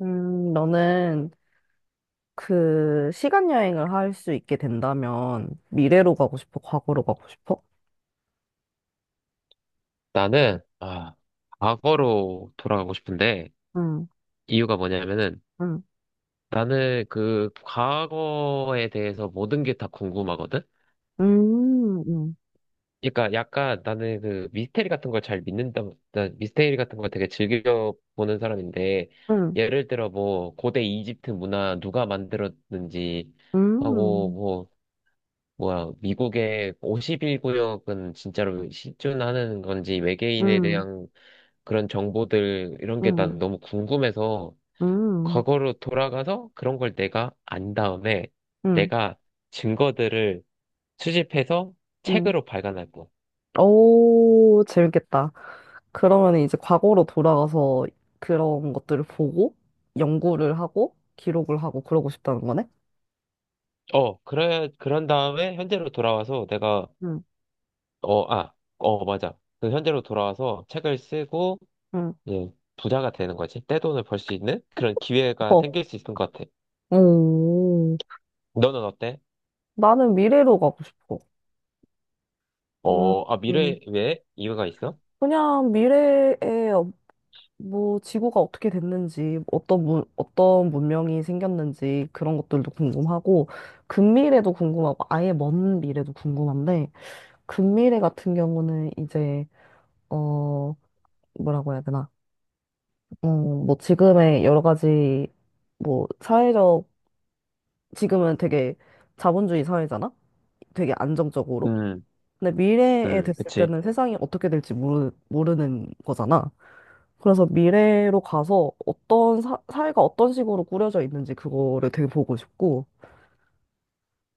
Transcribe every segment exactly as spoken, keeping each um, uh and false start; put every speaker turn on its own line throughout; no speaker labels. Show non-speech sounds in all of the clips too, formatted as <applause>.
음, 너는 그 시간 여행을 할 수 있게 된다면 미래로 가고 싶어? 과거로 가고 싶어?
나는, 아, 과거로 돌아가고 싶은데,
응,
이유가 뭐냐면은,
응,
나는 그 과거에 대해서 모든 게 다 궁금하거든?
음, 음,
그러니까 약간 나는 그 미스테리 같은 걸 잘 믿는다, 나 미스테리 같은 걸 되게 즐겨 보는 사람인데,
음,
예를 들어 뭐, 고대 이집트 문화 누가 만들었는지, 하고
음,
뭐 뭐야, 미국의 오십일 구역은 진짜로 실존하는 건지 외계인에
음,
대한 그런 정보들 이런 게 난
음,
너무 궁금해서
음,
과거로 돌아가서 그런 걸 내가 안 다음에
음,
내가 증거들을 수집해서
음.
책으로 발간할 거.
오, 재밌겠다. 그러면 이제 과거로 돌아가서 그런 것들을 보고 연구를 하고 기록을 하고 그러고 싶다는 거네?
어 그래, 그런 다음에 현재로 돌아와서 내가
응,
어 아 어 맞아, 그 현재로 돌아와서 책을 쓰고,
응,
예, 부자가 되는 거지. 떼돈을 벌 수 있는 그런 기회가
어,
생길 수 있을 것 같아.
오,
너는 어때?
나는 미래로 가고 싶어. 음,
어, 아, 미래, 왜? 이유가 있어?
그냥 미래에 어- 뭐 지구가 어떻게 됐는지, 어떤 문, 어떤 문명이 생겼는지 그런 것들도 궁금하고, 근미래도 궁금하고, 아예 먼 미래도 궁금한데, 근미래 같은 경우는 이제, 어, 뭐라고 해야 되나? 음, 뭐 지금의 여러 가지, 뭐 사회적, 지금은 되게 자본주의 사회잖아? 되게 안정적으로?
음,
근데 미래에
음,
됐을
그치.
때는 세상이 어떻게 될지 모르, 모르는 거잖아. 그래서 미래로 가서 어떤 사, 사회가 어떤 식으로 꾸려져 있는지 그거를 되게 보고 싶고,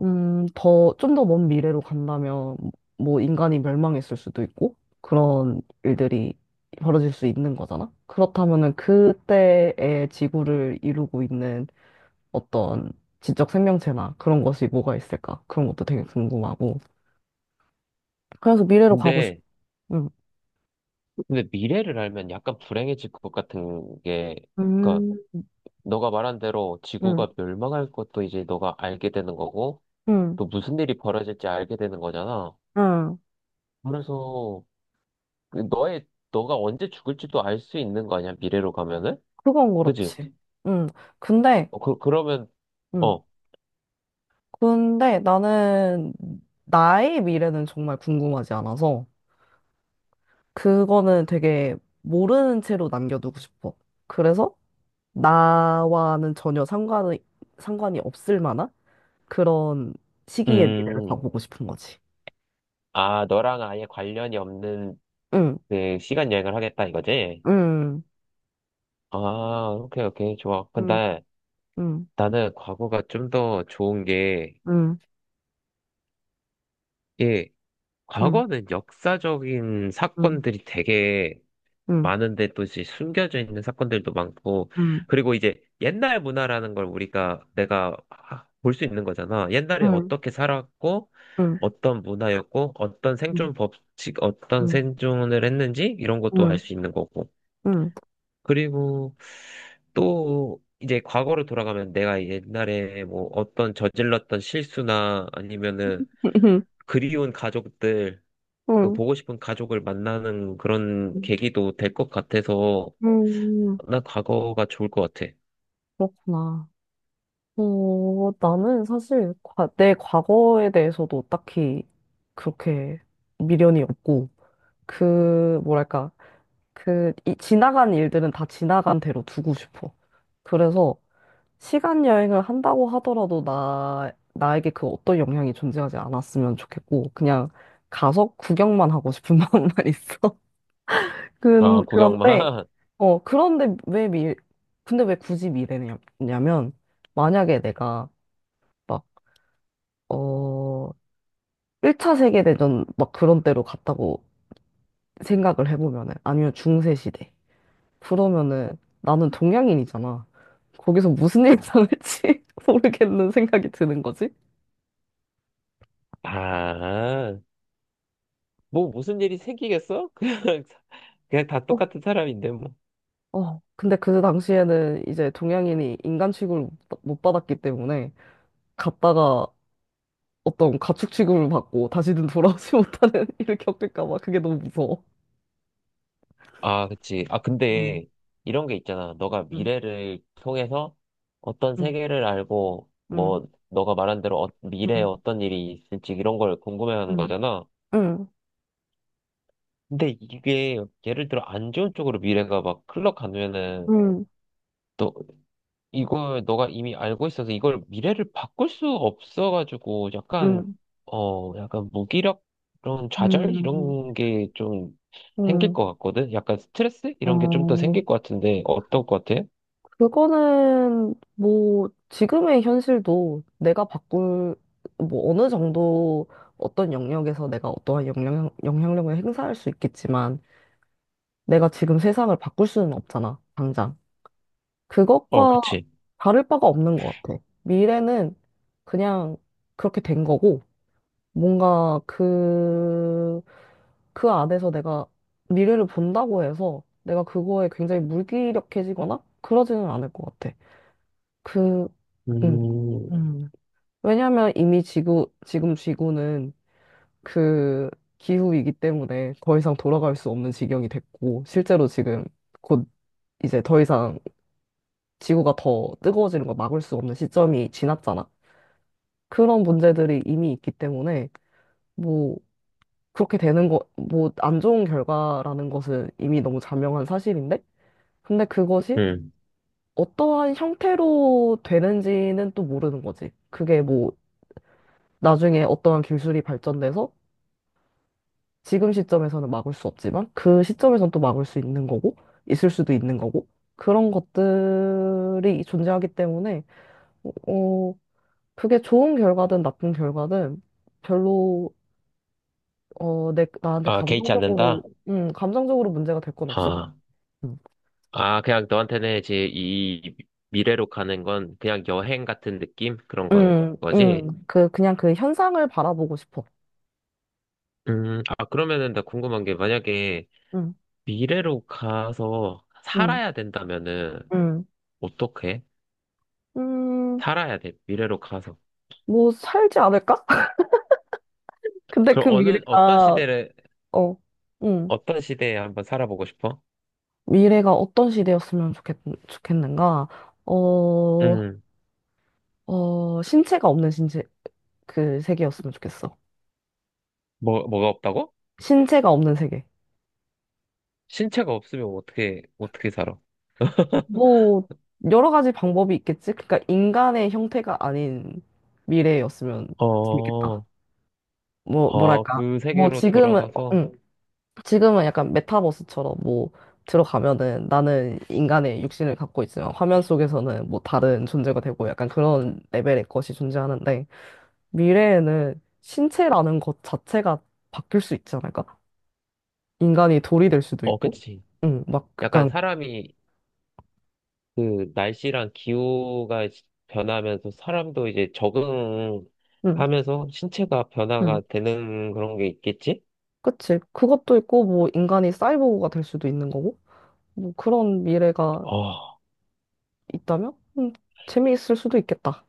음, 더, 좀 더 먼 미래로 간다면 뭐 인간이 멸망했을 수도 있고, 그런 일들이 벌어질 수 있는 거잖아. 그렇다면은 그때의 지구를 이루고 있는 어떤 지적 생명체나 그런 것이 뭐가 있을까? 그런 것도 되게 궁금하고. 그래서 미래로 가고 싶,
근데,
응,
근데 미래를 알면 약간 불행해질 것 같은 게, 그니까,
음,
너가 말한 대로
응,
지구가 멸망할 것도 이제 너가 알게 되는 거고,
응,
또 무슨 일이 벌어질지 알게 되는 거잖아.
응.
그래서, 그 너의, 너가 언제 죽을지도 알 수 있는 거 아니야, 미래로 가면은?
그건
그지?
그렇지. 응. 근데,
어, 그, 그러면,
응.
어,
근데 나는 나의 미래는 정말 궁금하지 않아서 그거는 되게 모르는 채로 남겨두고 싶어. 그래서 나와는 전혀 상관이, 상관이 없을 만한 그런 시기의 미래를
음,
가보고 싶은 거지.
아, 너랑 아예 관련이 없는
응,
그 시간 여행을 하겠다 이거지?
응,
아, 오케이, 오케이, 좋아.
응,
근데
응,
나는 과거가 좀 더 좋은 게,
응,
예,
응,
과거는 역사적인
응,
사건들이 되게
응,
많은데, 또 이제 숨겨져 있는 사건들도 많고,
응,
그리고 이제 옛날 문화라는 걸 우리가, 내가 아, 볼수 있는 거잖아. 옛날에
응,
어떻게 살았고,
응, 응,
어떤 문화였고, 어떤
응,
생존 법칙, 어떤
응,
생존을 했는지, 이런 것도 알
응,
수 있는 거고.
응,
그리고 또 이제 과거로 돌아가면 내가 옛날에 뭐 어떤 저질렀던 실수나 아니면은 그리운 가족들, 그
응,
보고 싶은 가족을 만나는 그런
응,
계기도 될 것 같아서
응,
난 과거가 좋을 것 같아.
그렇구나. 어, 나는 사실 과- 내 과거에 대해서도 딱히 그렇게 미련이 없고, 그, 뭐랄까, 그, 이, 지나간 일들은 다 지나간 대로 두고 싶어. 그래서 시간 여행을 한다고 하더라도 나, 나에게 그 어떤 영향이 존재하지 않았으면 좋겠고, 그냥 가서 구경만 하고 싶은 <laughs> 마음만 있어.
아,
근, 그런데,
구경만. <laughs>
어, 그런데 왜 미, 근데 왜 굳이 미래냐면, 만약에 내가 어, 일 차 세계대전 막 그런 때로 갔다고 생각을 해보면은, 아니면 중세시대. 그러면은 나는 동양인이잖아. 거기서 무슨 일 당할지 <laughs> 모르겠는 생각이 드는 거지.
아, 뭐 무슨 일이 생기겠어? <laughs> 그냥, 사- 그냥 다
어,
똑같은 사람인데, 뭐.
어, 근데 그 당시에는 이제 동양인이 인간 취급을 못 받- 못 받았기 때문에 갔다가 어떤 가축 취급을 받고 다시는 돌아오지 못하는 <laughs> 일을 겪을까 봐 그게 너무 무서워.
아, 그치. 아,
음,
근데 이런 게 있잖아. 너가
음,
미래를 통해서 어떤
음,
세계를 알고,
음,
뭐, 너가 말한 대로 어- 미래에
음,
어떤 일이 있을지 이런 걸 궁금해하는 거잖아.
음,
근데 이게 예를 들어 안 좋은 쪽으로 미래가 막 흘러가면은
음,
또 이걸 너가 이미 알고 있어서 이걸 미래를 바꿀 수 없어가지고 약간
음,
어 약간 무기력, 그런 좌절
음, 음.
이런 게 좀 생길
음,
것 같거든. 약간 스트레스 이런 게 좀 더
어,
생길 것 같은데 어떨 것 같아?
그거는 뭐 지금의 현실도 내가 바꿀 뭐 어느 정도 어떤 영역에서 내가 어떠한 영향, 영향력을 행사할 수 있겠지만 내가 지금 세상을 바꿀 수는 없잖아, 당장.
어,
그것과
그치.
다를 바가 없는 것 같아. 미래는 그냥 그렇게 된 거고 뭔가 그, 그 안에서 내가 미래를 본다고 해서 내가 그거에 굉장히 물기력해지거나 그러지는 않을 것 같아. 그, 음.
음,
음, 왜냐하면 이미 지구, 지금 지구는 그 기후이기 때문에 더 이상 돌아갈 수 없는 지경이 됐고, 실제로 지금 곧 이제 더 이상 지구가 더 뜨거워지는 걸 막을 수 없는 시점이 지났잖아. 그런 문제들이 이미 있기 때문에, 뭐, 그렇게 되는 거, 뭐, 안 좋은 결과라는 것은 이미 너무 자명한 사실인데? 근데 그것이
음.
어떠한 형태로 되는지는 또 모르는 거지. 그게 뭐, 나중에 어떠한 기술이 발전돼서 지금 시점에서는 막을 수 없지만 그 시점에선 또 막을 수 있는 거고, 있을 수도 있는 거고, 그런 것들이 존재하기 때문에, 어, 그게 좋은 결과든 나쁜 결과든 별로, 어, 내, 나한테
아, 개의치
감정적으로,
않는다?
음, 감정적으로 문제가 될 건 없을 것
아,
같아.
아, 그냥 너한테는 이제 이 미래로 가는 건 그냥 여행 같은 느낌? 그런 건
음,
거지?
음, 그, 그냥 그 현상을 바라보고 싶어.
음, 아, 그러면은 나 궁금한 게, 만약에
음,
미래로 가서
음,
살아야 된다면은
음,
어떻게?
음,
살아야 돼, 미래로 가서.
뭐, 살지 않을까? <laughs> 근데
그럼
그
어느, 어떤
미래가,
시대를,
어, 음,
어떤 시대에 한번 살아보고 싶어?
미래가 어떤 시대였으면 좋겠, 좋겠는가? 어,
음,
어, 신체가 없는 신체, 그 세계였으면 좋겠어.
뭐, 뭐가 없다고?
신체가 없는 세계.
신체가 없으면 어떻게, 어떻게 살아?
뭐, 여러 가지 방법이 있겠지? 그러니까 인간의 형태가 아닌 미래였으면
어,
재밌겠다. 뭐,
어,
뭐랄까.
그
뭐,
세계로
지금은, 어,
돌아가서,
응. 지금은 약간 메타버스처럼 뭐 들어가면은 나는 인간의 육신을 갖고 있지만 화면 속에서는 뭐 다른 존재가 되고 약간 그런 레벨의 것이 존재하는데 미래에는 신체라는 것 자체가 바뀔 수 있지 않을까? 인간이 돌이 될 수도
어,
있고,
그치.
응, 막
약간
약간,
사람이 그 날씨랑 기후가 변하면서 사람도 이제
응,
적응하면서 신체가
응,
변화가 되는 그런 게 있겠지?
그치. 그것도 있고 뭐 인간이 사이보그가 될 수도 있는 거고, 뭐 그런 미래가
어,
있다면, 음, 재미있을 수도 있겠다.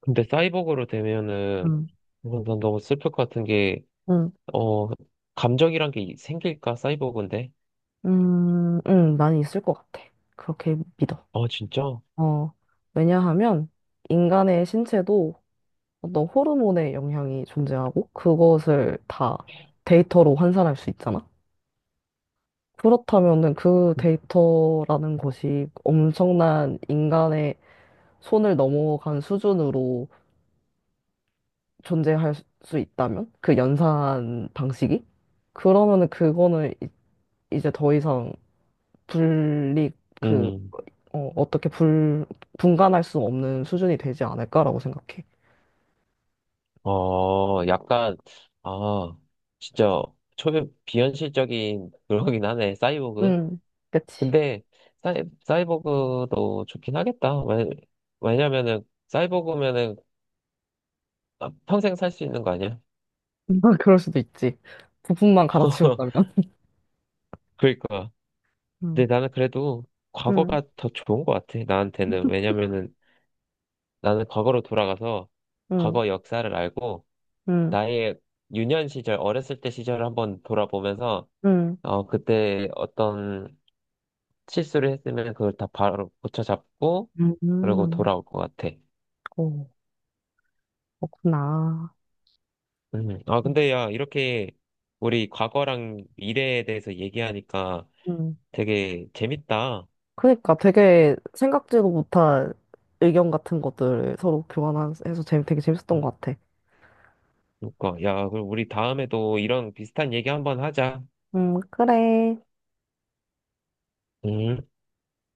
근데 사이보그로 되면은,
응,
이건 난 너무 슬플 것 같은 게,
응.
어, 감정이란 게 생길까, 사이보그인데?
음, 응, 많이 있을 것 같아. 그렇게 믿어.
어, 진짜?
어, 왜냐하면 인간의 신체도 어떤 호르몬의 영향이 존재하고 그것을 다 데이터로 환산할 수 있잖아. 그렇다면은 그 데이터라는 것이 엄청난 인간의 손을 넘어간 수준으로 존재할 수 있다면 그 연산 방식이 그러면은 그거는 이- 이제 더 이상 분리 그
음,
어, 어떻게 불, 분간할 수 없는 수준이 되지 않을까라고 생각해.
어, 약간, 아, 진짜, 초면 비현실적인 <laughs> 그러긴 하네, 사이보그.
음, 그치.
근데 사이, 사이버그도 좋긴 하겠다. 왜, 왜냐면은 사이버그면은 아, 평생 살 수 있는 거 아니야?
<laughs> 그럴 수도 있지. 부품만 갈아치운다면.
<laughs> 그러니까. 근데
음,
나는 그래도
음,
과거가 더 좋은 것 같아. 나한테는. 왜냐면은 나는 과거로 돌아가서
음,
과거 역사를 알고,
음,
나의 유년 시절, 어렸을 때 시절을 한번 돌아보면서 어, 그때 어떤 실수를 했으면 그걸 다 바로 고쳐잡고
음,
그러고
음,
돌아올 것 같아.
어, 그렇구나.
음. 아,
음.
근데 야, 이렇게 우리 과거랑 미래에 대해서 얘기하니까
음,
되게 재밌다.
그러니까 되게 생각지도 못한 의견 같은 것들을 서로 교환해서 재미, 되게 재밌었던 것 같아.
그러니까, 야, 그럼 우리 다음에도 이런 비슷한 얘기 한번 하자.
음, 그래.
음.